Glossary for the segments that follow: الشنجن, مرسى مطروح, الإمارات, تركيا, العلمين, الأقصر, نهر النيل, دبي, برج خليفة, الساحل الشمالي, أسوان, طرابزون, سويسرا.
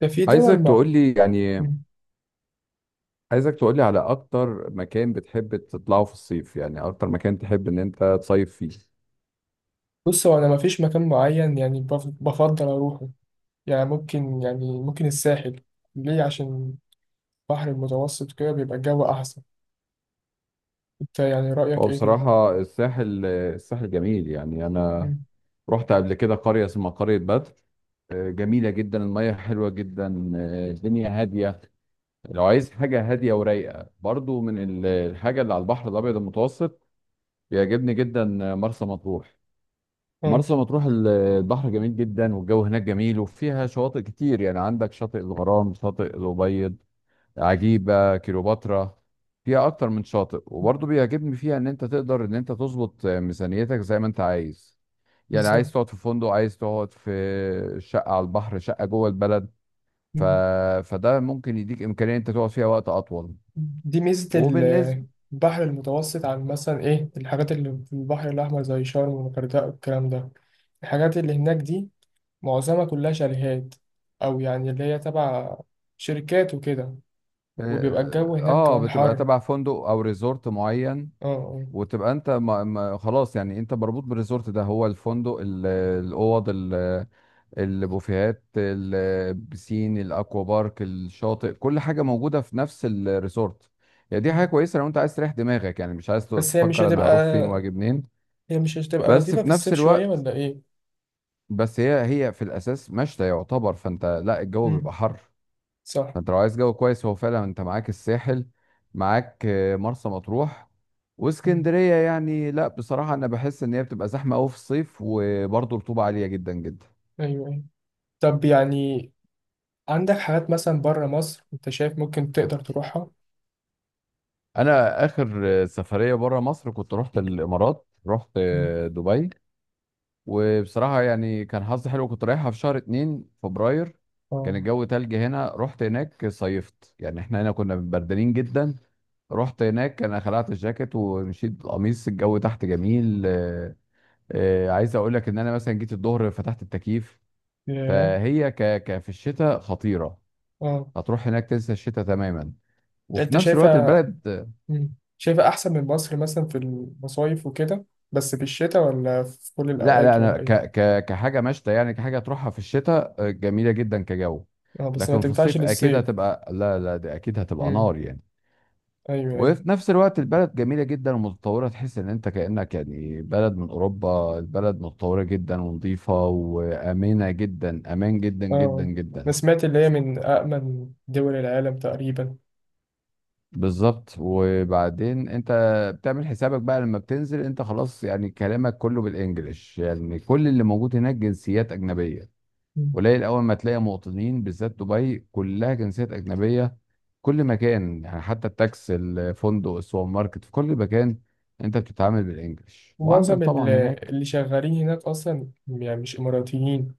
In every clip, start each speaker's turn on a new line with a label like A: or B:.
A: ده في
B: عايزك
A: دول مع.
B: تقولي يعني
A: مم.
B: عايزك تقولي على أكتر مكان بتحب تطلعه في الصيف، يعني أكتر مكان تحب إن أنت تصيف فيه.
A: بص، هو انا ما فيش مكان معين يعني بفضل اروحه. يعني ممكن الساحل. ليه؟ عشان البحر المتوسط كده بيبقى الجو احسن. انت يعني رايك
B: هو
A: ايه فيه؟
B: بصراحة، الساحل، جميل، يعني أنا
A: مم.
B: رحت قبل كده قرية اسمها قرية بدر. جميلة جدا، المية حلوة جدا، الدنيا هادية. لو عايز حاجة هادية ورايقة برضو، من الحاجة اللي على البحر الأبيض المتوسط، بيعجبني جدا. مرسى مطروح.
A: اه.
B: البحر جميل جدا، والجو هناك جميل، وفيها شواطئ كتير، يعني عندك شاطئ الغرام، شاطئ الأبيض، عجيبة كليوباترا. فيها أكتر من شاطئ، وبرضه بيعجبني فيها إن أنت تقدر إن أنت تظبط ميزانيتك زي ما أنت عايز. يعني
A: بالظبط.
B: عايز تقعد في فندق، عايز تقعد في شقة على البحر، شقة جوه البلد. ف...
A: مم.
B: فده ممكن يديك إمكانية إن أنت تقعد فيها وقت أطول.
A: دي ميزه
B: وبالنسبة،
A: البحر المتوسط عن مثلا ايه الحاجات اللي في البحر الاحمر زي شرم والغردقه والكلام ده، الحاجات اللي هناك دي معظمها كلها شاليهات، او يعني اللي هي تبع شركات وكده. وبيبقى الجو هناك كمان
B: بتبقى
A: حر.
B: تبع فندق أو ريزورت معين.
A: اه. آه.
B: وتبقى انت، ما خلاص، يعني انت مربوط بالريزورت ده، هو الفندق، الاوض، البوفيهات، البسين، الاكوا بارك، الشاطئ، كل حاجه موجوده في نفس الريزورت. يعني دي حاجه كويسه لو انت عايز تريح دماغك، يعني مش عايز
A: بس هي مش
B: تفكر
A: هتبقى
B: انا هروح فين واجي منين.
A: هي مش هتبقى
B: بس
A: لطيفة
B: في
A: في
B: نفس
A: الصيف شوية
B: الوقت،
A: ولا إيه؟
B: بس هي في الاساس مشتى يعتبر، فانت، لا، الجو
A: مم.
B: بيبقى حر.
A: صح.
B: فانت لو عايز جو كويس، هو فعلا انت معاك الساحل، معاك مرسى مطروح.
A: مم.
B: واسكندريه يعني، لا، بصراحه انا بحس ان هي بتبقى زحمه قوي في الصيف، وبرضه رطوبه عاليه جدا جدا.
A: أيوه، أيوه. طب يعني عندك حاجات مثلا بره مصر أنت شايف ممكن تقدر تروحها؟
B: انا اخر سفريه بره مصر كنت رحت الامارات، رحت
A: مم.
B: دبي. وبصراحه يعني كان حظي حلو، كنت رايحها في شهر 2 فبراير.
A: اه.
B: كان الجو تلج هنا، رحت هناك صيفت، يعني احنا هنا كنا بردانين جدا. رحت هناك، انا خلعت الجاكيت ومشيت بالقميص، الجو تحت جميل. عايز اقول لك ان انا مثلا جيت الظهر فتحت التكييف.
A: ياه.
B: فهي ك... ك في الشتاء خطيره.
A: اه.
B: هتروح هناك تنسى الشتاء تماما. وفي
A: أنت
B: نفس الوقت
A: شايفها
B: البلد...
A: مم. شايفها أحسن من مصر مثلا في المصايف وكده، بس في الشتاء ولا في كل
B: لا، لا،
A: الأوقات
B: انا
A: ولا إيه؟
B: كحاجه مشتى، يعني كحاجه تروحها في الشتاء، جميله جدا كجو.
A: اه، بس ما
B: لكن في
A: تنفعش
B: الصيف اكيد
A: للصيف.
B: هتبقى، لا، لا، دي اكيد هتبقى
A: مم.
B: نار يعني.
A: أيوه، أيوه.
B: وفي نفس الوقت البلد جميله جدا ومتطوره، تحس ان انت كانك يعني بلد من اوروبا، البلد متطوره جدا ونظيفه وامنه جدا، امان جدا جدا
A: اه. أنا
B: جدا.
A: سمعت اللي هي من أأمن دول العالم تقريبا.
B: بالظبط، وبعدين انت بتعمل حسابك بقى لما بتنزل انت خلاص، يعني كلامك كله بالانجلش، يعني كل اللي موجود هناك جنسيات اجنبيه. قليل اول ما تلاقي مواطنين، بالذات دبي كلها جنسيات اجنبيه. كل مكان يعني، حتى التاكس، الفندق، السوبر ماركت، في كل مكان انت بتتعامل بالانجلش، وعندك
A: ومعظم
B: طبعا هناك.
A: اللي شغالين هناك أصلا يعني مش إماراتيين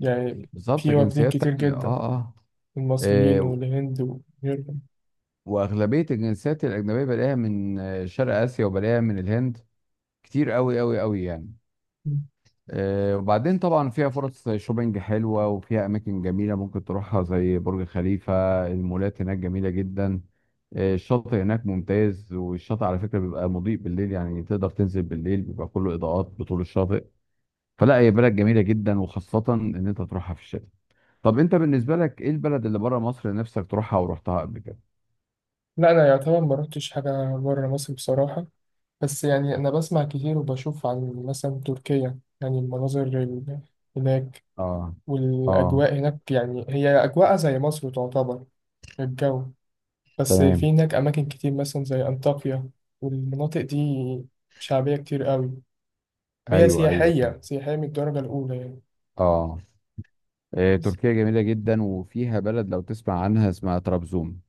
A: يعني.
B: بالظبط،
A: في واخدين
B: جنسيات
A: كتير
B: تانية،
A: جدا،
B: اه، اه.
A: المصريين
B: اه،
A: والهند وغيرهم.
B: واغلبيه الجنسيات الاجنبيه بلاقيها من شرق اسيا، وبلاقيها من الهند، كتير قوي قوي قوي يعني. وبعدين طبعا فيها فرص شوبينج حلوة، وفيها أماكن جميلة ممكن تروحها زي برج خليفة. المولات هناك جميلة جدا. الشاطئ هناك ممتاز، والشاطئ على فكرة بيبقى مضيء بالليل، يعني تقدر تنزل بالليل بيبقى كله إضاءات بطول الشاطئ. فلا، هي بلد جميلة جدا، وخاصة إن أنت تروحها في الشتاء. طب أنت بالنسبة لك إيه البلد اللي بره مصر نفسك تروحها ورحتها قبل كده؟
A: لا أنا يعتبر ما رحتش حاجة بره مصر بصراحة. بس يعني أنا بسمع كتير وبشوف عن مثلا تركيا، يعني المناظر هناك
B: آه، آه،
A: والأجواء هناك، يعني هي أجواءها زي مصر تعتبر، الجو. بس
B: تمام.
A: في هناك أماكن كتير مثلا زي أنطاكيا والمناطق دي، شعبية كتير قوي، هي
B: أيوه، أيوه، تمام.
A: سياحية سياحية من الدرجة الأولى يعني.
B: آه
A: بس
B: تركيا جميلة جدا، وفيها بلد لو تسمع عنها اسمها طرابزون.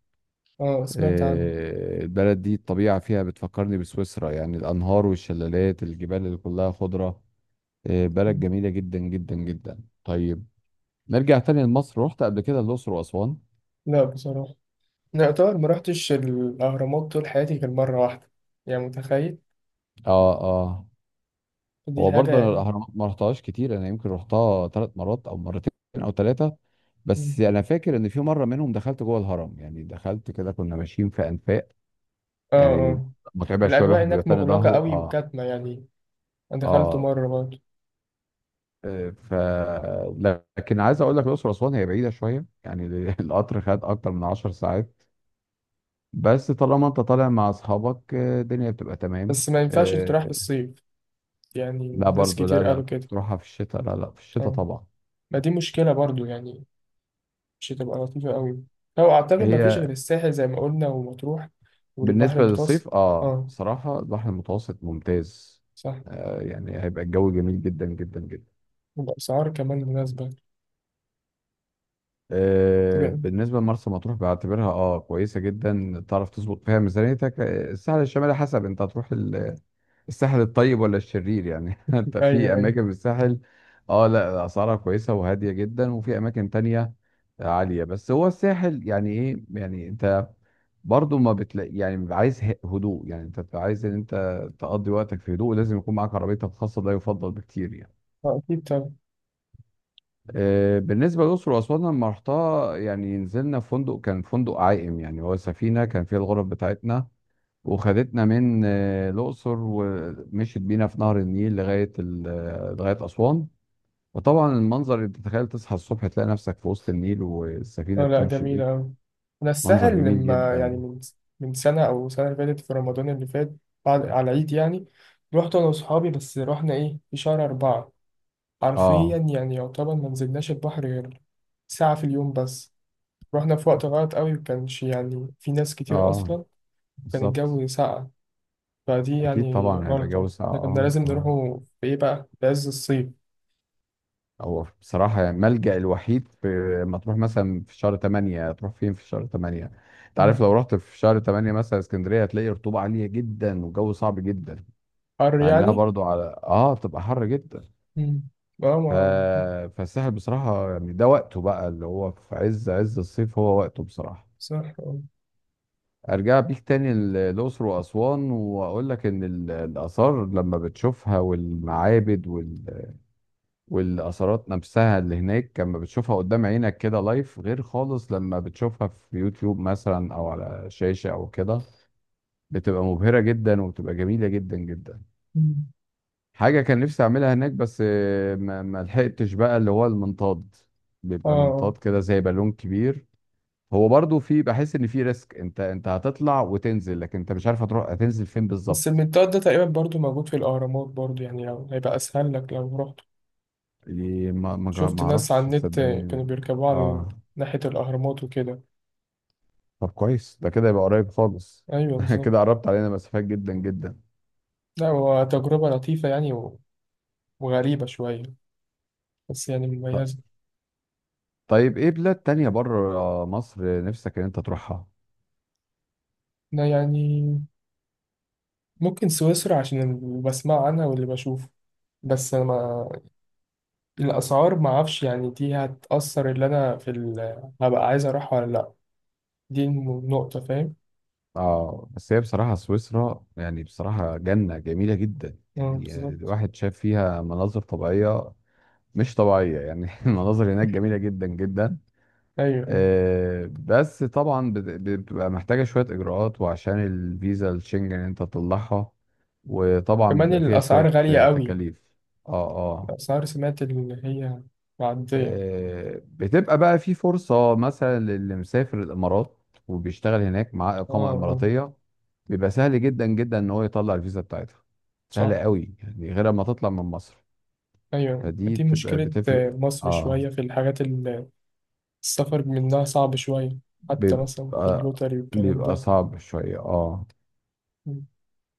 A: اه، سمعت عنها.
B: البلد دي الطبيعة فيها بتفكرني بسويسرا، يعني الأنهار والشلالات، الجبال اللي كلها خضرة. بلد جميلة جدا جدا جدا. طيب، نرجع تاني لمصر، رحت قبل كده الأقصر وأسوان.
A: لا بصراحة، لا يعتبر ما رحتش الأهرامات طول حياتي غير مرة واحدة، يعني متخيل؟
B: اه، اه.
A: دي
B: هو
A: حاجة
B: برضه أنا
A: يعني.
B: الأهرامات ما رحتهاش كتير، أنا يمكن رحتها ثلاث مرات أو مرتين أو ثلاثة. بس
A: مم.
B: أنا فاكر إن في مرة منهم دخلت جوه الهرم، يعني دخلت كده، كنا ماشيين في أنفاق
A: اه،
B: يعني.
A: اه.
B: متعبة شوية،
A: الأجواء
B: الواحد بيبقى
A: هناك
B: تاني
A: مغلقة
B: ظهره،
A: قوي
B: اه،
A: وكاتمة يعني، أنا دخلته
B: اه.
A: مرة برضه.
B: آه، ف لكن عايز اقول لك الاقصر واسوان هي بعيده شويه يعني القطر خد اكتر من 10 ساعات. بس طالما انت طالع مع اصحابك، الدنيا بتبقى تمام.
A: بس ما ينفعش تروح في الصيف
B: لا،
A: يعني. ناس
B: برضو، لا،
A: كتير قالوا
B: لا،
A: كده.
B: تروحها في الشتاء، لا، لا، في الشتاء
A: اه.
B: طبعا.
A: ما دي مشكلة برضه يعني، مش هتبقى لطيفة قوي. لو أعتقد ما فيش
B: هي
A: غير الساحل زي ما قلنا ومطروح والبحر
B: بالنسبه
A: المتوسط.
B: للصيف، اه،
A: اه،
B: بصراحه البحر المتوسط ممتاز.
A: صح.
B: يعني هيبقى الجو جميل جدا جدا جدا.
A: وبأسعار كمان مناسبة. تبقى.
B: بالنسبة لمرسى مطروح بعتبرها اه كويسة جدا، تعرف تظبط فيها ميزانيتك. الساحل الشمالي حسب انت هتروح الساحل الطيب ولا الشرير يعني انت
A: أيوة،
B: في
A: أيوة.
B: اماكن في الساحل، اه، لا، اسعارها كويسة وهادية جدا، وفي اماكن تانية عالية، بس هو الساحل يعني ايه يعني انت برضو ما بتلاقي، يعني بيبقى عايز هدوء يعني، انت بتبقى عايز ان انت تقضي وقتك في هدوء، لازم يكون معاك عربيتك الخاصة، ده يفضل بكتير يعني.
A: آه، أكيد طبعا.
B: بالنسبة للأقصر وأسوان لما رحتها، يعني نزلنا في فندق، كان فندق عائم، يعني هو سفينة كان فيها الغرف بتاعتنا، وخدتنا من الأقصر ومشيت بينا في نهر النيل لغاية لغاية أسوان. وطبعا المنظر، اللي تتخيل تصحى الصبح تلاقي نفسك في وسط النيل والسفينة
A: آه، لا
B: بتمشي بيك،
A: جميلة أوي. أنا
B: منظر
A: الساحل،
B: جميل
A: لما يعني
B: جدا.
A: من سنة أو سنة اللي فاتت في رمضان اللي فات، بعد على العيد يعني، رحت أنا وأصحابي، بس رحنا إيه في شهر أربعة. حرفيا
B: اه،
A: يعني يعتبر ما نزلناش البحر غير ساعة في اليوم بس. رحنا في وقت غلط أوي وكانش يعني في ناس كتير
B: اه،
A: أصلا. وكان
B: بالظبط.
A: الجو ساقع، فدي
B: أكيد
A: يعني
B: طبعا هيبقى جو
A: غلطة،
B: ساقع،
A: إحنا كنا
B: اه،
A: لازم
B: اه.
A: نروحوا في إيه بقى، في عز الصيف.
B: هو بصراحة يعني الملجأ الوحيد. في، ما تروح مثلا في شهر 8، تروح فين في شهر 8؟ انت عارف
A: مم.
B: لو رحت في شهر 8 مثلا اسكندرية، هتلاقي رطوبة عالية جدا والجو صعب جدا،
A: حر
B: مع انها
A: يعني.
B: برضو على، اه، بتبقى حر جدا.
A: مم. اه،
B: ف...
A: ما
B: فالساحل بصراحة يعني ده وقته بقى، اللي هو في عز عز الصيف، هو وقته بصراحة.
A: صح، اه.
B: ارجع بيك تاني الأقصر وأسوان، واقول لك ان الآثار لما بتشوفها، والمعابد والاثارات نفسها اللي هناك لما بتشوفها قدام عينك كده لايف، غير خالص لما بتشوفها في يوتيوب مثلا او على شاشة او كده، بتبقى مبهرة جدا، وبتبقى جميلة جدا جدا.
A: مم.
B: حاجة كان نفسي اعملها هناك بس ما لحقتش بقى، اللي هو المنطاد،
A: اه.
B: بيبقى
A: آه.
B: منطاد كده زي بالون كبير. هو برضو، في بحس ان في ريسك، انت هتطلع وتنزل، لكن انت مش عارف هتروح هتنزل فين
A: بس
B: بالظبط.
A: المنطاد ده تقريبا برضو موجود في الأهرامات برضو، يعني لو هيبقى أسهل لك لو رحت.
B: يعني ما ما
A: شفت
B: ما
A: ناس على
B: اعرفش،
A: النت كانوا
B: صدقني.
A: بيركبوا على
B: اه،
A: ناحية الأهرامات وكده.
B: طب كويس، ده كده يبقى قريب خالص.
A: أيوه،
B: كده
A: بالظبط.
B: قربت علينا مسافات جدا جدا.
A: لا هو تجربة لطيفة يعني وغريبة شوية، بس يعني
B: ط-
A: مميزة.
B: طيب، ايه بلاد تانية بره مصر نفسك ان انت تروحها؟
A: أنا يعني ممكن سويسرا عشان اللي بسمع عنها واللي بشوفه، بس أنا ما الأسعار ما أعرفش يعني، دي هتأثر اللي أنا في هبقى عايز أروح ولا لأ. دي النقطة، فاهم.
B: اه، بس هي بصراحة سويسرا، يعني بصراحة جنة جميلة جدا،
A: مم،
B: يعني
A: بالظبط.
B: الواحد شاف فيها مناظر طبيعية مش طبيعية يعني المناظر هناك جميلة جدا جدا.
A: ايوه، ايوه.
B: آه، بس طبعا بتبقى محتاجة شوية إجراءات، وعشان الفيزا الشنجن انت تطلعها، وطبعا
A: كمان
B: بيبقى فيها
A: الاسعار
B: شوية
A: غاليه قوي.
B: تكاليف. اه، اه.
A: الاسعار، سمعت اللي هي معديه.
B: بتبقى بقى في فرصة، مثلا للي مسافر الإمارات وبيشتغل هناك معاه
A: اه.
B: إقامة
A: اه.
B: إماراتية، بيبقى سهل جدا جدا إن هو يطلع الفيزا بتاعتها، سهلة
A: صح.
B: قوي يعني غير ما تطلع من مصر،
A: ايوه،
B: فدي
A: دي
B: بتبقى
A: مشكله، آه،
B: بتفرق،
A: مصر
B: اه،
A: شويه في الحاجات اللي السفر منها صعب شويه. حتى مثلا في
B: بيبقى
A: اللوتري والكلام
B: بيبقى
A: ده.
B: صعب شوية، اه.
A: مم.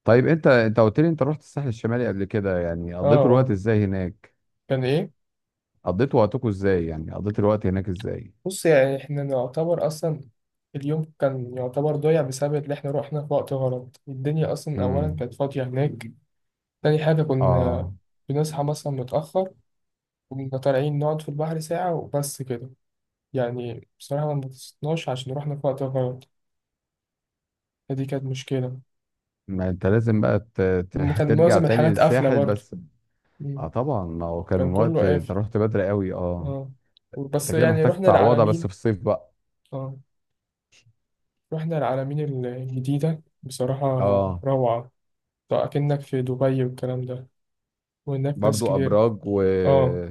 B: طيب، انت قلت لي انت رحت الساحل الشمالي قبل كده، يعني
A: اه،
B: قضيتوا الوقت
A: اه،
B: ازاي هناك؟
A: كان ايه.
B: قضيتوا وقتكم ازاي، يعني قضيت الوقت هناك ازاي؟
A: بص يعني احنا نعتبر اصلا اليوم كان يعتبر ضايع بسبب اللي احنا رحنا في وقت غلط، الدنيا اصلا اولا
B: امم
A: كانت فاضيه هناك. تاني حاجه
B: اه،
A: كنا بنصحى مثلا متاخر، كنا طالعين نقعد في البحر ساعة وبس كده، يعني بصراحة ما انبسطناش عشان رحنا في وقت غلط. فدي كانت مشكلة.
B: ما انت لازم بقى
A: كان
B: ترجع
A: معظم
B: تاني
A: الحاجات قافلة
B: للساحل
A: برضو.
B: بس، اه،
A: مم.
B: طبعا، ما هو كان
A: كان كله
B: الوقت انت
A: قافل.
B: رحت بدري قوي، اه.
A: اه،
B: انت
A: بس
B: كده
A: يعني
B: محتاج
A: رحنا
B: تعوضها بس في
A: العلمين.
B: الصيف بقى،
A: اه، رحنا العلمين الجديدة، بصراحة
B: اه،
A: روعة. طيب أكنك في دبي والكلام ده، وهناك ناس
B: برضو
A: كتير.
B: ابراج و...
A: اه.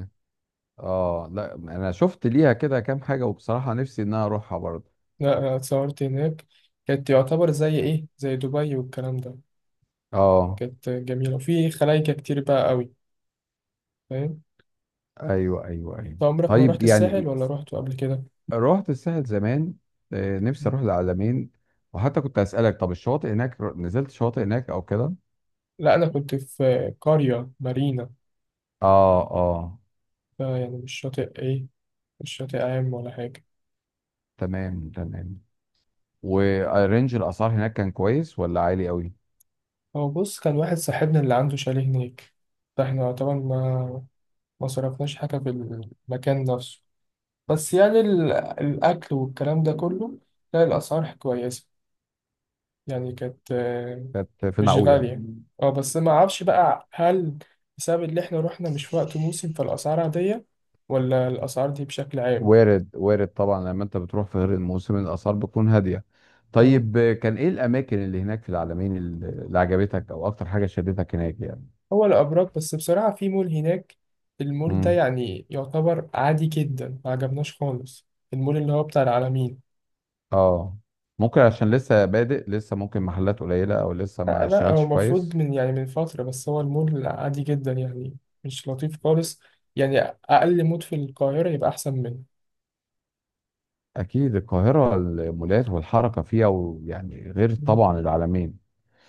B: اه، لا، انا شفت ليها كده كام حاجة، وبصراحة نفسي ان انا اروحها برضو،
A: لا أنا اتصورت هناك، كانت يعتبر زي ايه، زي دبي والكلام ده،
B: اه.
A: كانت جميلة وفي خلايكة كتير بقى قوي، فاهم.
B: ايوه، ايوه، ايوه.
A: طب عمرك ما
B: طيب
A: رحت الساحل
B: يعني،
A: ولا رحت قبل كده؟
B: رحت الساحل زمان، نفسي اروح العلمين. وحتى كنت اسالك، طب الشواطئ هناك، نزلت شواطئ هناك او كده؟
A: لا أنا كنت في قرية مارينا.
B: اه، اه،
A: يعني مش شاطئ إيه، مش شاطئ عام ولا حاجة.
B: تمام، تمام. ورينج الاسعار هناك كان كويس ولا عالي قوي؟
A: هو بص كان واحد صاحبنا اللي عنده شاليه هناك، فاحنا طبعا ما صرفناش حاجة في المكان نفسه، بس يعني الأكل والكلام ده كله، لا الأسعار كويسة، يعني كانت آه،
B: كانت في
A: مش
B: المعقول يعني.
A: غالية. اه، بس ما أعرفش بقى، هل بسبب اللي احنا رحنا مش في وقت موسم فالأسعار عادية ولا الأسعار دي بشكل عام؟
B: وارد، وارد طبعا، لما انت بتروح في غير الموسم الاسعار بتكون هاديه. طيب، كان ايه الاماكن اللي هناك في العلمين اللي عجبتك، او اكتر حاجه شدتك هناك يعني؟
A: هو الأبراج، بس بصراحة في مول هناك، المول ده
B: امم
A: يعني يعتبر عادي جدا ما عجبناش خالص، المول اللي هو بتاع العالمين.
B: اه، ممكن عشان لسه بادئ، لسه ممكن محلات قليله او لسه
A: لا
B: ما
A: لا، هو
B: اشتغلش
A: المفروض
B: كويس.
A: من يعني من فترة، بس هو المول عادي جدا يعني، مش لطيف خالص، يعني أقل مول في القاهرة يبقى أحسن منه.
B: اكيد، القاهره المولات والحركه فيها ويعني غير
A: مم.
B: طبعا العلمين.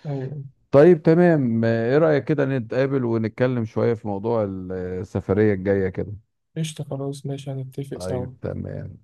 A: أيوة.
B: طيب تمام، ايه رأيك كده نتقابل ونتكلم شوية في موضوع السفرية الجاية كده؟
A: قشطة، خلاص ماشي، هنتفق
B: طيب
A: سوا.
B: تمام.